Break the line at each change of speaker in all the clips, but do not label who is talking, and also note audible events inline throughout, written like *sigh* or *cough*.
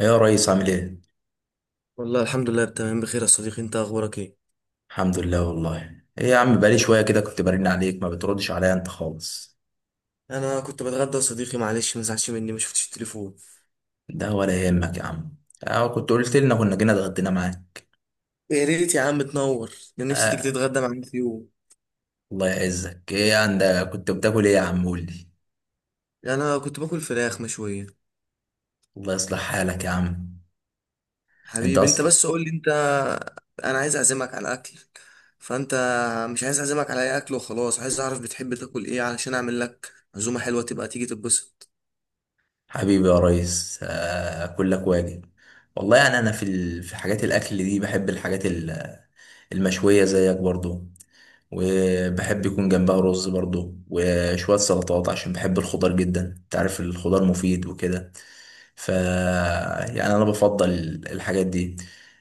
ايه يا ريس عامل ايه؟
والله الحمد لله، تمام، بخير يا صديقي. انت اخبارك ايه؟
الحمد لله. والله ايه يا عم بقالي شوية كده كنت برن عليك ما بتردش عليا انت خالص.
انا كنت بتغدى يا صديقي، معلش ما تزعلش مني، ما شفتش التليفون.
ده ولا يهمك يا عم. اه كنت قلت لنا كنا جينا اتغدينا معاك.
يا ريت يا عم تنور. ده نفسي تيجي
اه
تتغدى معايا في يوم.
الله يعزك، ايه عندك كنت بتاكل ايه يا عم قول لي.
يعني انا كنت باكل فراخ مشويه.
الله يصلح حالك يا عم. انت
حبيبي، انت
اصلا
بس قول لي انت. انا عايز اعزمك على اكل. فانت مش عايز اعزمك على اي اكل وخلاص، عايز اعرف بتحب تاكل ايه علشان اعمل لك عزومه حلوه تبقى تيجي تتبسط.
حبيبي يا ريس، اه كلك واجب. والله يعني انا في حاجات الاكل دي بحب الحاجات المشوية زيك برضو، وبحب يكون جنبها رز برضو وشوية سلطات عشان بحب الخضار جدا، انت عارف الخضار مفيد وكده. ف يعني انا بفضل الحاجات دي،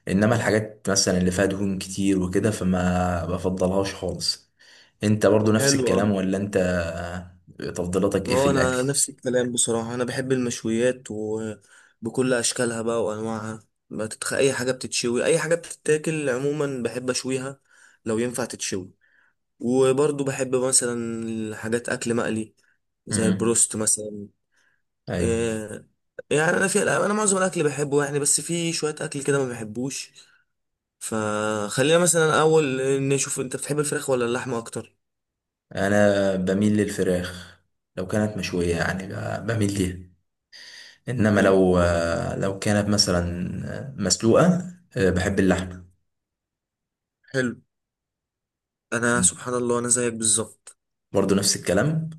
انما الحاجات مثلا اللي فيها دهون كتير وكده فما بفضلهاش خالص. انت برضو نفس
حلو أوي.
الكلام ولا انت، تفضيلاتك ايه في
اه،
الاكل؟
انا نفس الكلام بصراحة. انا بحب المشويات وبكل اشكالها بقى وانواعها. اي حاجة بتتشوي، اي حاجة بتتاكل عموما بحب اشويها. لو ينفع تتشوي. وبرضو بحب مثلا حاجات اكل مقلي، زي
امم
البروست مثلا.
ايوه،
إيه. يعني انا معظم الاكل بحبه يعني، بس في شوية اكل كده ما بحبوش. فخلينا مثلا اول نشوف، انت بتحب الفراخ ولا اللحمة اكتر؟
انا بميل للفراخ. لو كانت مشوية يعني بميل ليها. انما
حلو
لو لو كانت مثلا مسلوقه. بحب اللحمه.
حلو. انا سبحان الله انا زيك بالظبط.
برضه نفس الكلام.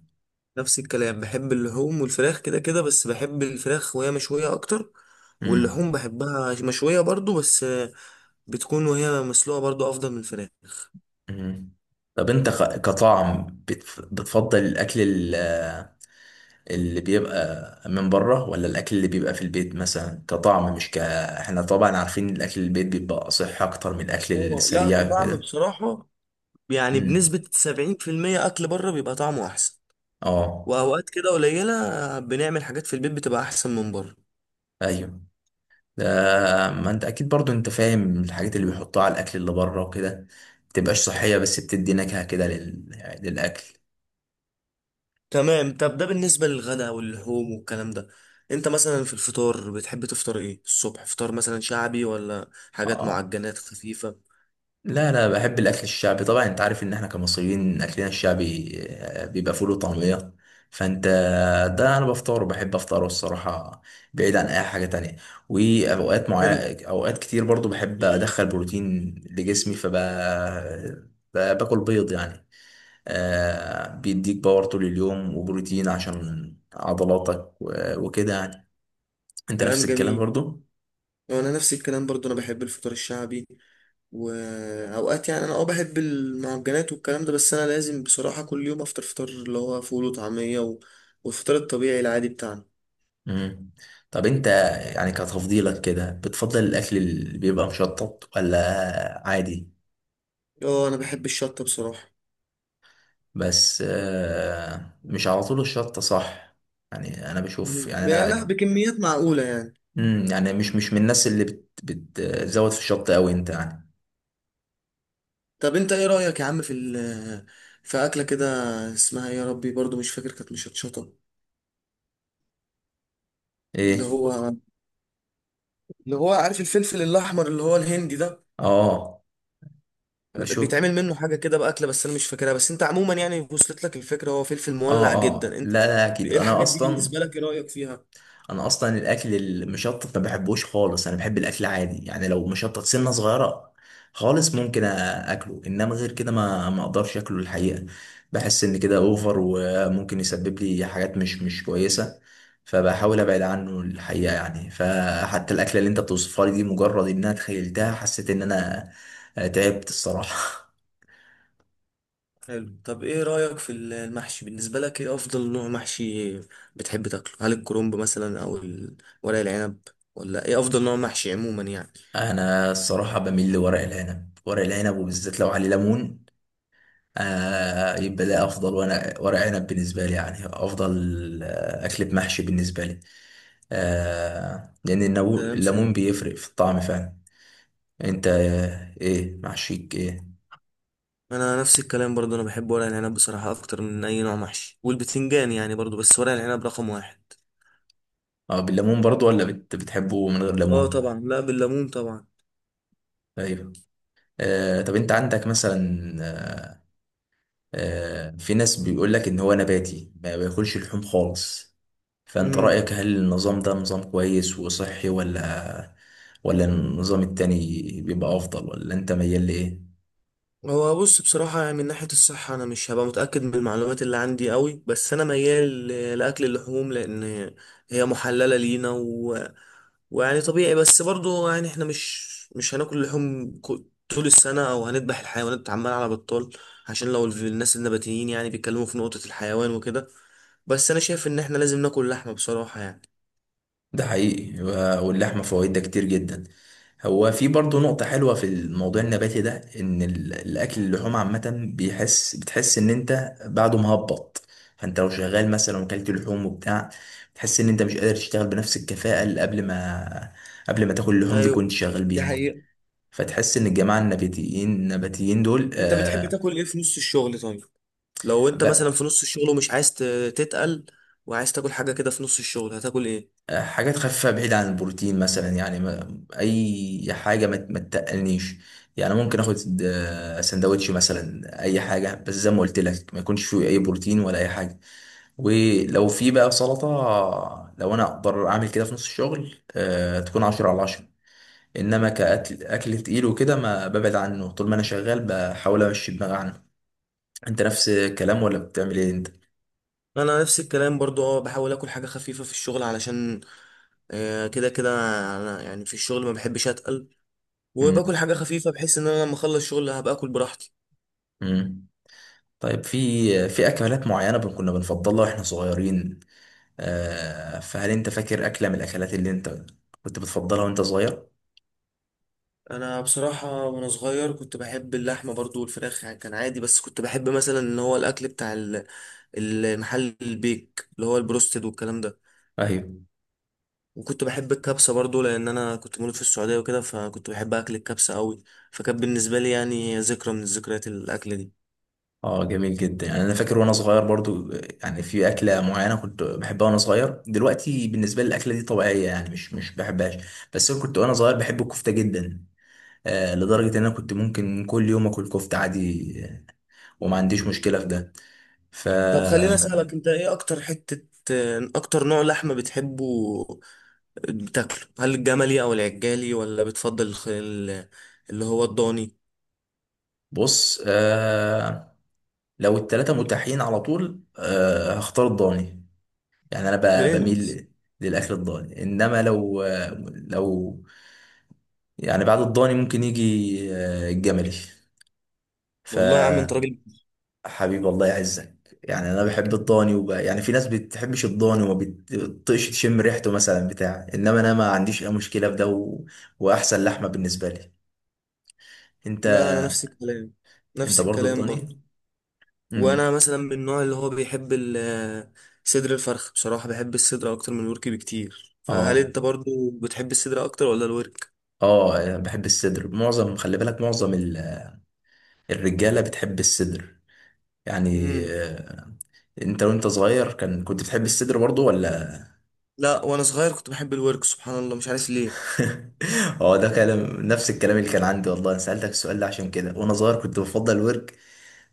نفس الكلام، بحب اللحوم والفراخ كده كده، بس بحب الفراخ وهي مشوية أكتر.
مم.
واللحوم بحبها مشوية برضو، بس بتكون وهي مسلوقة برضو أفضل من الفراخ.
مم. طب انت كطعم بتفضل الاكل اللي بيبقى من بره ولا الاكل اللي بيبقى في البيت مثلا؟ كطعم، مش ك احنا طبعا عارفين الاكل البيت بيبقى صح اكتر من الاكل
لا،
السريع
كطعم
كده.
بصراحة، يعني
مم.
بنسبة 70% أكل بره بيبقى طعمه أحسن.
اه.
وأوقات كده قليلة بنعمل حاجات في البيت بتبقى أحسن من بره.
ايوه ده. ما انت اكيد برضو انت فاهم الحاجات اللي بيحطوها على الاكل اللي بره وكده متبقاش صحية، بس بتدي نكهة كده للاكل.
تمام، طب ده بالنسبة للغداء واللحوم والكلام ده. أنت مثلا في الفطار بتحب تفطر إيه الصبح؟ فطار مثلا شعبي ولا حاجات
اه
معجنات خفيفة؟
لا لا، بحب الاكل الشعبي طبعا. انت عارف ان احنا كمصريين اكلنا الشعبي بيبقى فول وطعمية. فانت ده انا بفطره بحب افطره الصراحة، بعيد عن اي حاجة تانية. واوقات
حلو.
معينة، اوقات كتير برضو بحب ادخل بروتين لجسمي فب باكل بيض يعني، بيديك باور طول اليوم وبروتين عشان عضلاتك وكده يعني. انت نفس
كلام
الكلام
جميل.
برضو؟
انا نفس الكلام برضو، انا بحب الفطار الشعبي. واوقات يعني انا بحب المعجنات والكلام ده، بس انا لازم بصراحة كل يوم افطر فطار اللي هو فول وطعمية والفطار الطبيعي العادي بتاعنا.
مم. طب انت يعني كتفضيلك كده بتفضل الاكل اللي بيبقى مشطط ولا عادي؟
اه، انا بحب الشطة بصراحة.
بس مش على طول الشطة صح؟ يعني انا بشوف،
مهم.
يعني
يعني لا،
انا
بكميات معقولة يعني.
يعني مش من الناس اللي بتزود في الشطة قوي انت يعني.
طب انت ايه رأيك يا عم في في اكلة كده، اسمها إيه يا ربي، برضو مش فاكر، كانت مشطشطة. اللي
ايه؟
هو اللي هو عارف الفلفل الاحمر اللي هو الهندي ده،
اه بشوف.
بيتعمل منه حاجه كده باكله بس انا مش فاكرها، بس انت عموما يعني وصلت لك الفكره، هو فلفل
اه
مولع جدا،
اه
انت.
لا لا اكيد،
ايه
انا
الحاجات دي
اصلا
بالنسبه لك؟ ايه رايك فيها؟
انا اصلا الاكل المشطت ما بحبوش خالص. انا بحب الاكل عادي يعني، لو مشطت سنه صغيره خالص ممكن اكله، انما غير كده ما اقدرش اكله الحقيقه. بحس ان كده اوفر وممكن يسبب لي حاجات مش كويسه، فبحاول ابعد عنه الحقيقه يعني. فحتى الاكله اللي انت بتوصفها لي دي، مجرد انها تخيلتها حسيت ان انا تعبت الصراحه.
حلو، طب ايه رايك في المحشي بالنسبه لك، ايه افضل نوع محشي بتحب تاكله؟ هل الكرنب مثلا او ورق العنب، ولا ايه افضل نوع محشي عموما يعني؟
*laughs* انا الصراحه بميل لورق العنب. ورق العنب وبالذات لو عليه ليمون آه، يبقى ده افضل. وانا ورق عنب بالنسبه لي يعني افضل اكل بمحشي بالنسبه لي، آه،
كلام
الليمون
سليم.
بيفرق في الطعم فعلا. انت ايه محشيك ايه؟
انا نفس الكلام برضو، انا بحب ورق العنب بصراحه اكتر من اي نوع محشي، والبتنجان يعني برضو، بس ورق العنب رقم واحد.
اه بالليمون برضو ولا بتحبه من غير
اه
ليمون؟
طبعا، لا بالليمون طبعا.
ايوه. آه طب انت عندك مثلا، آه، في ناس بيقول لك ان هو نباتي ما بياكلش لحوم خالص، فانت
امم.
رايك هل النظام ده نظام كويس وصحي ولا، ولا النظام التاني بيبقى افضل؟ ولا انت ميال لايه؟
هو بص بصراحة، يعني من ناحية الصحة أنا مش هبقى متأكد من المعلومات اللي عندي قوي، بس أنا ميال لأكل اللحوم، لأن هي محللة لينا ويعني طبيعي، بس برضو يعني إحنا مش هناكل لحوم طول السنة، أو هنذبح الحيوانات عمال على بطال. عشان لو الناس النباتيين يعني بيتكلموا في نقطة الحيوان وكده. بس أنا شايف إن إحنا لازم ناكل لحمة بصراحة يعني.
ده حقيقي، واللحمة فوائدها كتير جدا. هو في برضه نقطة حلوة في الموضوع النباتي ده، إن الأكل اللحوم عامة بيحس، بتحس إن أنت بعده مهبط. فأنت لو شغال مثلا وكلت لحوم وبتاع، بتحس إن أنت مش قادر تشتغل بنفس الكفاءة اللي قبل ما تاكل اللحوم دي
أيوه،
كنت شغال
دي
بيها.
حقيقة.
فتحس إن الجماعة النباتيين دول
أنت بتحب
آه.
تاكل إيه في نص الشغل طيب؟ لو انت مثلا في نص الشغل ومش عايز تتقل، وعايز تاكل حاجة كده في نص الشغل، هتاكل ايه؟
حاجات خفيفة، بعيد عن البروتين مثلا يعني، ما أي حاجة ما تتقلنيش يعني. ممكن آخد سندوتش مثلا، أي حاجة، بس زي ما قلت لك ما يكونش فيه أي بروتين ولا أي حاجة. ولو في بقى سلطة لو أنا أقدر أعمل كده في نص الشغل تكون عشرة على عشرة. إنما كأكل، أكل تقيل وكده، ما ببعد عنه طول ما أنا شغال بحاول أمشي دماغي عنه. أنت نفس الكلام ولا بتعمل إيه أنت؟
انا نفس الكلام برضو، بحاول اكل حاجة خفيفة في الشغل علشان كده كده. انا يعني في الشغل ما بحبش اتقل، وباكل
مم.
حاجة خفيفة بحيث ان انا لما اخلص شغل هبقى اكل براحتي.
مم. طيب، في اكلات معينه كنا بنفضلها واحنا صغيرين فهل انت فاكر اكله من الاكلات اللي انت كنت بتفضلها وانت صغير؟
انا بصراحة وانا صغير كنت بحب اللحمة برضو والفراخ يعني كان عادي، بس كنت بحب مثلا ان هو الاكل بتاع المحل البيك اللي هو البروستد والكلام ده.
ايوه.
وكنت بحب الكبسة برضو، لأن أنا كنت مولود في السعودية وكده، فكنت بحب أكل الكبسة أوي. فكانت بالنسبة لي يعني ذكرى من ذكريات الأكلة دي.
اه جميل جدا. يعني انا فاكر وانا صغير برضو، يعني في اكله معينه كنت بحبها وانا صغير، دلوقتي بالنسبه لي الاكله دي طبيعيه يعني مش بحبهاش. بس انا كنت وانا صغير بحب الكفته جدا، آه، لدرجه ان انا كنت ممكن كل يوم اكل كفته عادي، وما عنديش مشكله في ده. ف
طب خليني أسألك أنت، إيه أكتر نوع لحمة بتحبه بتاكله؟ هل الجملي أو العجالي ولا بتفضل اللي هو الضاني؟
بص آه، لو التلاته متاحين على طول آه هختار الضاني. يعني انا
برنس.
بميل للاكل الضاني، انما لو، لو، يعني بعد الضاني ممكن يجي الجملي.
والله يا عم أنت
فحبيبي
راجل.
الله يعزك. يعني انا بحب الضاني يعني في ناس بتحبش الضاني وما بتطيقش تشم ريحته مثلا بتاع، انما انا ما عنديش اي مشكله في ده واحسن لحمه بالنسبه لي. انت،
لا أنا نفس الكلام،
انت
نفس
برضو
الكلام برضو.
الضاني؟
وانا
امم
مثلا من النوع اللي هو بيحب صدر الفرخ، بصراحة بحب الصدر اكتر من الورك بكتير، فهل
اه
انت برضو بتحب الصدر اكتر ولا الورك؟
اه، أنا بحب الصدر. معظم، خلي بالك، معظم الرجاله بتحب الصدر يعني
امم.
انت وانت صغير كان كنت بتحب الصدر برضو ولا؟
لا، وانا صغير كنت بحب الورك، سبحان الله مش عارف ليه.
*laughs* هو ده كلام، نفس الكلام اللي كان عندي والله. انا سألتك السؤال ده عشان كده، وانا صغير كنت بفضل الورك.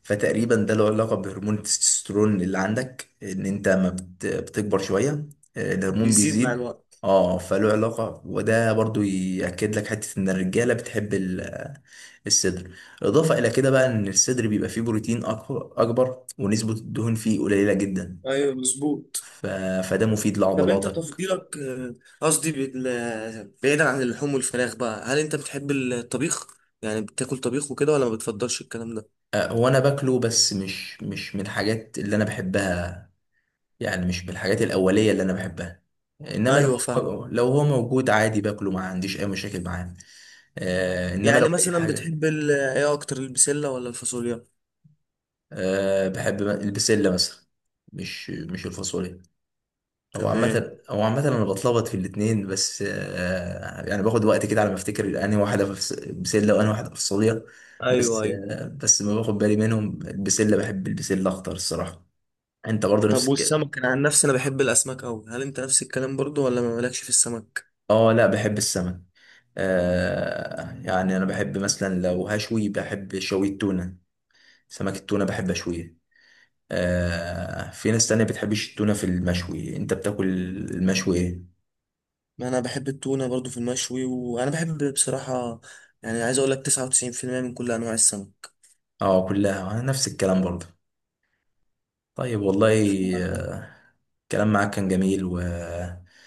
فتقريبا ده له علاقة بهرمون التستوستيرون اللي عندك، ان انت ما بتكبر شوية الهرمون
بيزيد مع
بيزيد.
الوقت.
اه فله علاقة، وده برضو يأكد لك حتة ان الرجالة بتحب الصدر. اضافة الى كده بقى، ان الصدر بيبقى فيه بروتين اكبر ونسبة الدهون فيه قليلة جدا.
ايوه مظبوط.
ف... فده مفيد
طب انت
لعضلاتك.
تفضيلك، قصدي بعيدا عن اللحوم والفراخ بقى، هل انت بتحب الطبيخ يعني بتاكل طبيخ وكده ولا ما بتفضلش الكلام ده؟
وانا باكله، بس مش من الحاجات اللي انا بحبها، يعني مش من الحاجات الاوليه اللي انا بحبها. انما لو،
ايوه، فاهم.
هو لو هو موجود عادي باكله ما عنديش اي مشاكل معاه آه، انما لو
يعني
اي
مثلا
حاجه.
بتحب ايه اكتر، البسلة ولا الفاصوليا؟
آه بحب البسله مثلا، مش الفاصوليا. او
تمام.
عامه، او عامه انا بتلخبط في الاتنين، بس آه يعني باخد وقت كده على ما افتكر انهي واحده بسله وانهي واحده فاصوليا.
ايوه،
بس
ايوه.
آه بس ما باخد بالي منهم. البسله بحب البسله اخضر الصراحه. انت برضه نفس
طب
الكلام؟
والسمك، انا عن نفسي انا بحب الاسماك قوي، هل انت نفس الكلام برضو ولا ما مالكش في السمك؟
اه لا بحب السمك، آه، يعني انا بحب مثلا لو هشوي بحب شوي التونة. سمك التونة بحب اشويه آه. في ناس تانية بتحبش التونة في المشوي. انت بتاكل المشوي ايه؟
ما انا بحب التونه برضو في المشوي، وانا بحب بصراحه يعني، عايز اقول لك 99% من كل انواع السمك.
اه كلها نفس الكلام برضه. طيب والله آه، الكلام معاك كان جميل، واتمنى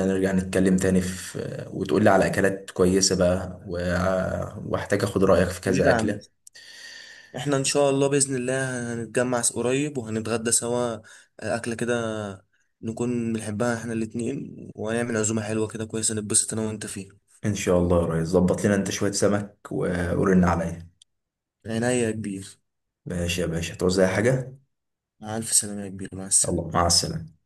نرجع نتكلم تاني في وتقول لي على اكلات كويسة بقى، واحتاج اخد رأيك في
حبيبي
كذا
يا عم،
اكلة.
احنا ان شاء الله باذن الله هنتجمع قريب وهنتغدى سوا، اكله كده نكون بنحبها احنا الاتنين، وهنعمل عزومه حلوه كده كويسه نتبسط انا وانت فيها.
ان شاء الله يا ريس، ظبط لنا انت شوية سمك ورن عليا.
عينيا يا كبير.
ماشي يا باشا توزع حاجة.
مع الف سلامه يا كبير، مع
يلا
السلامه.
مع السلامة.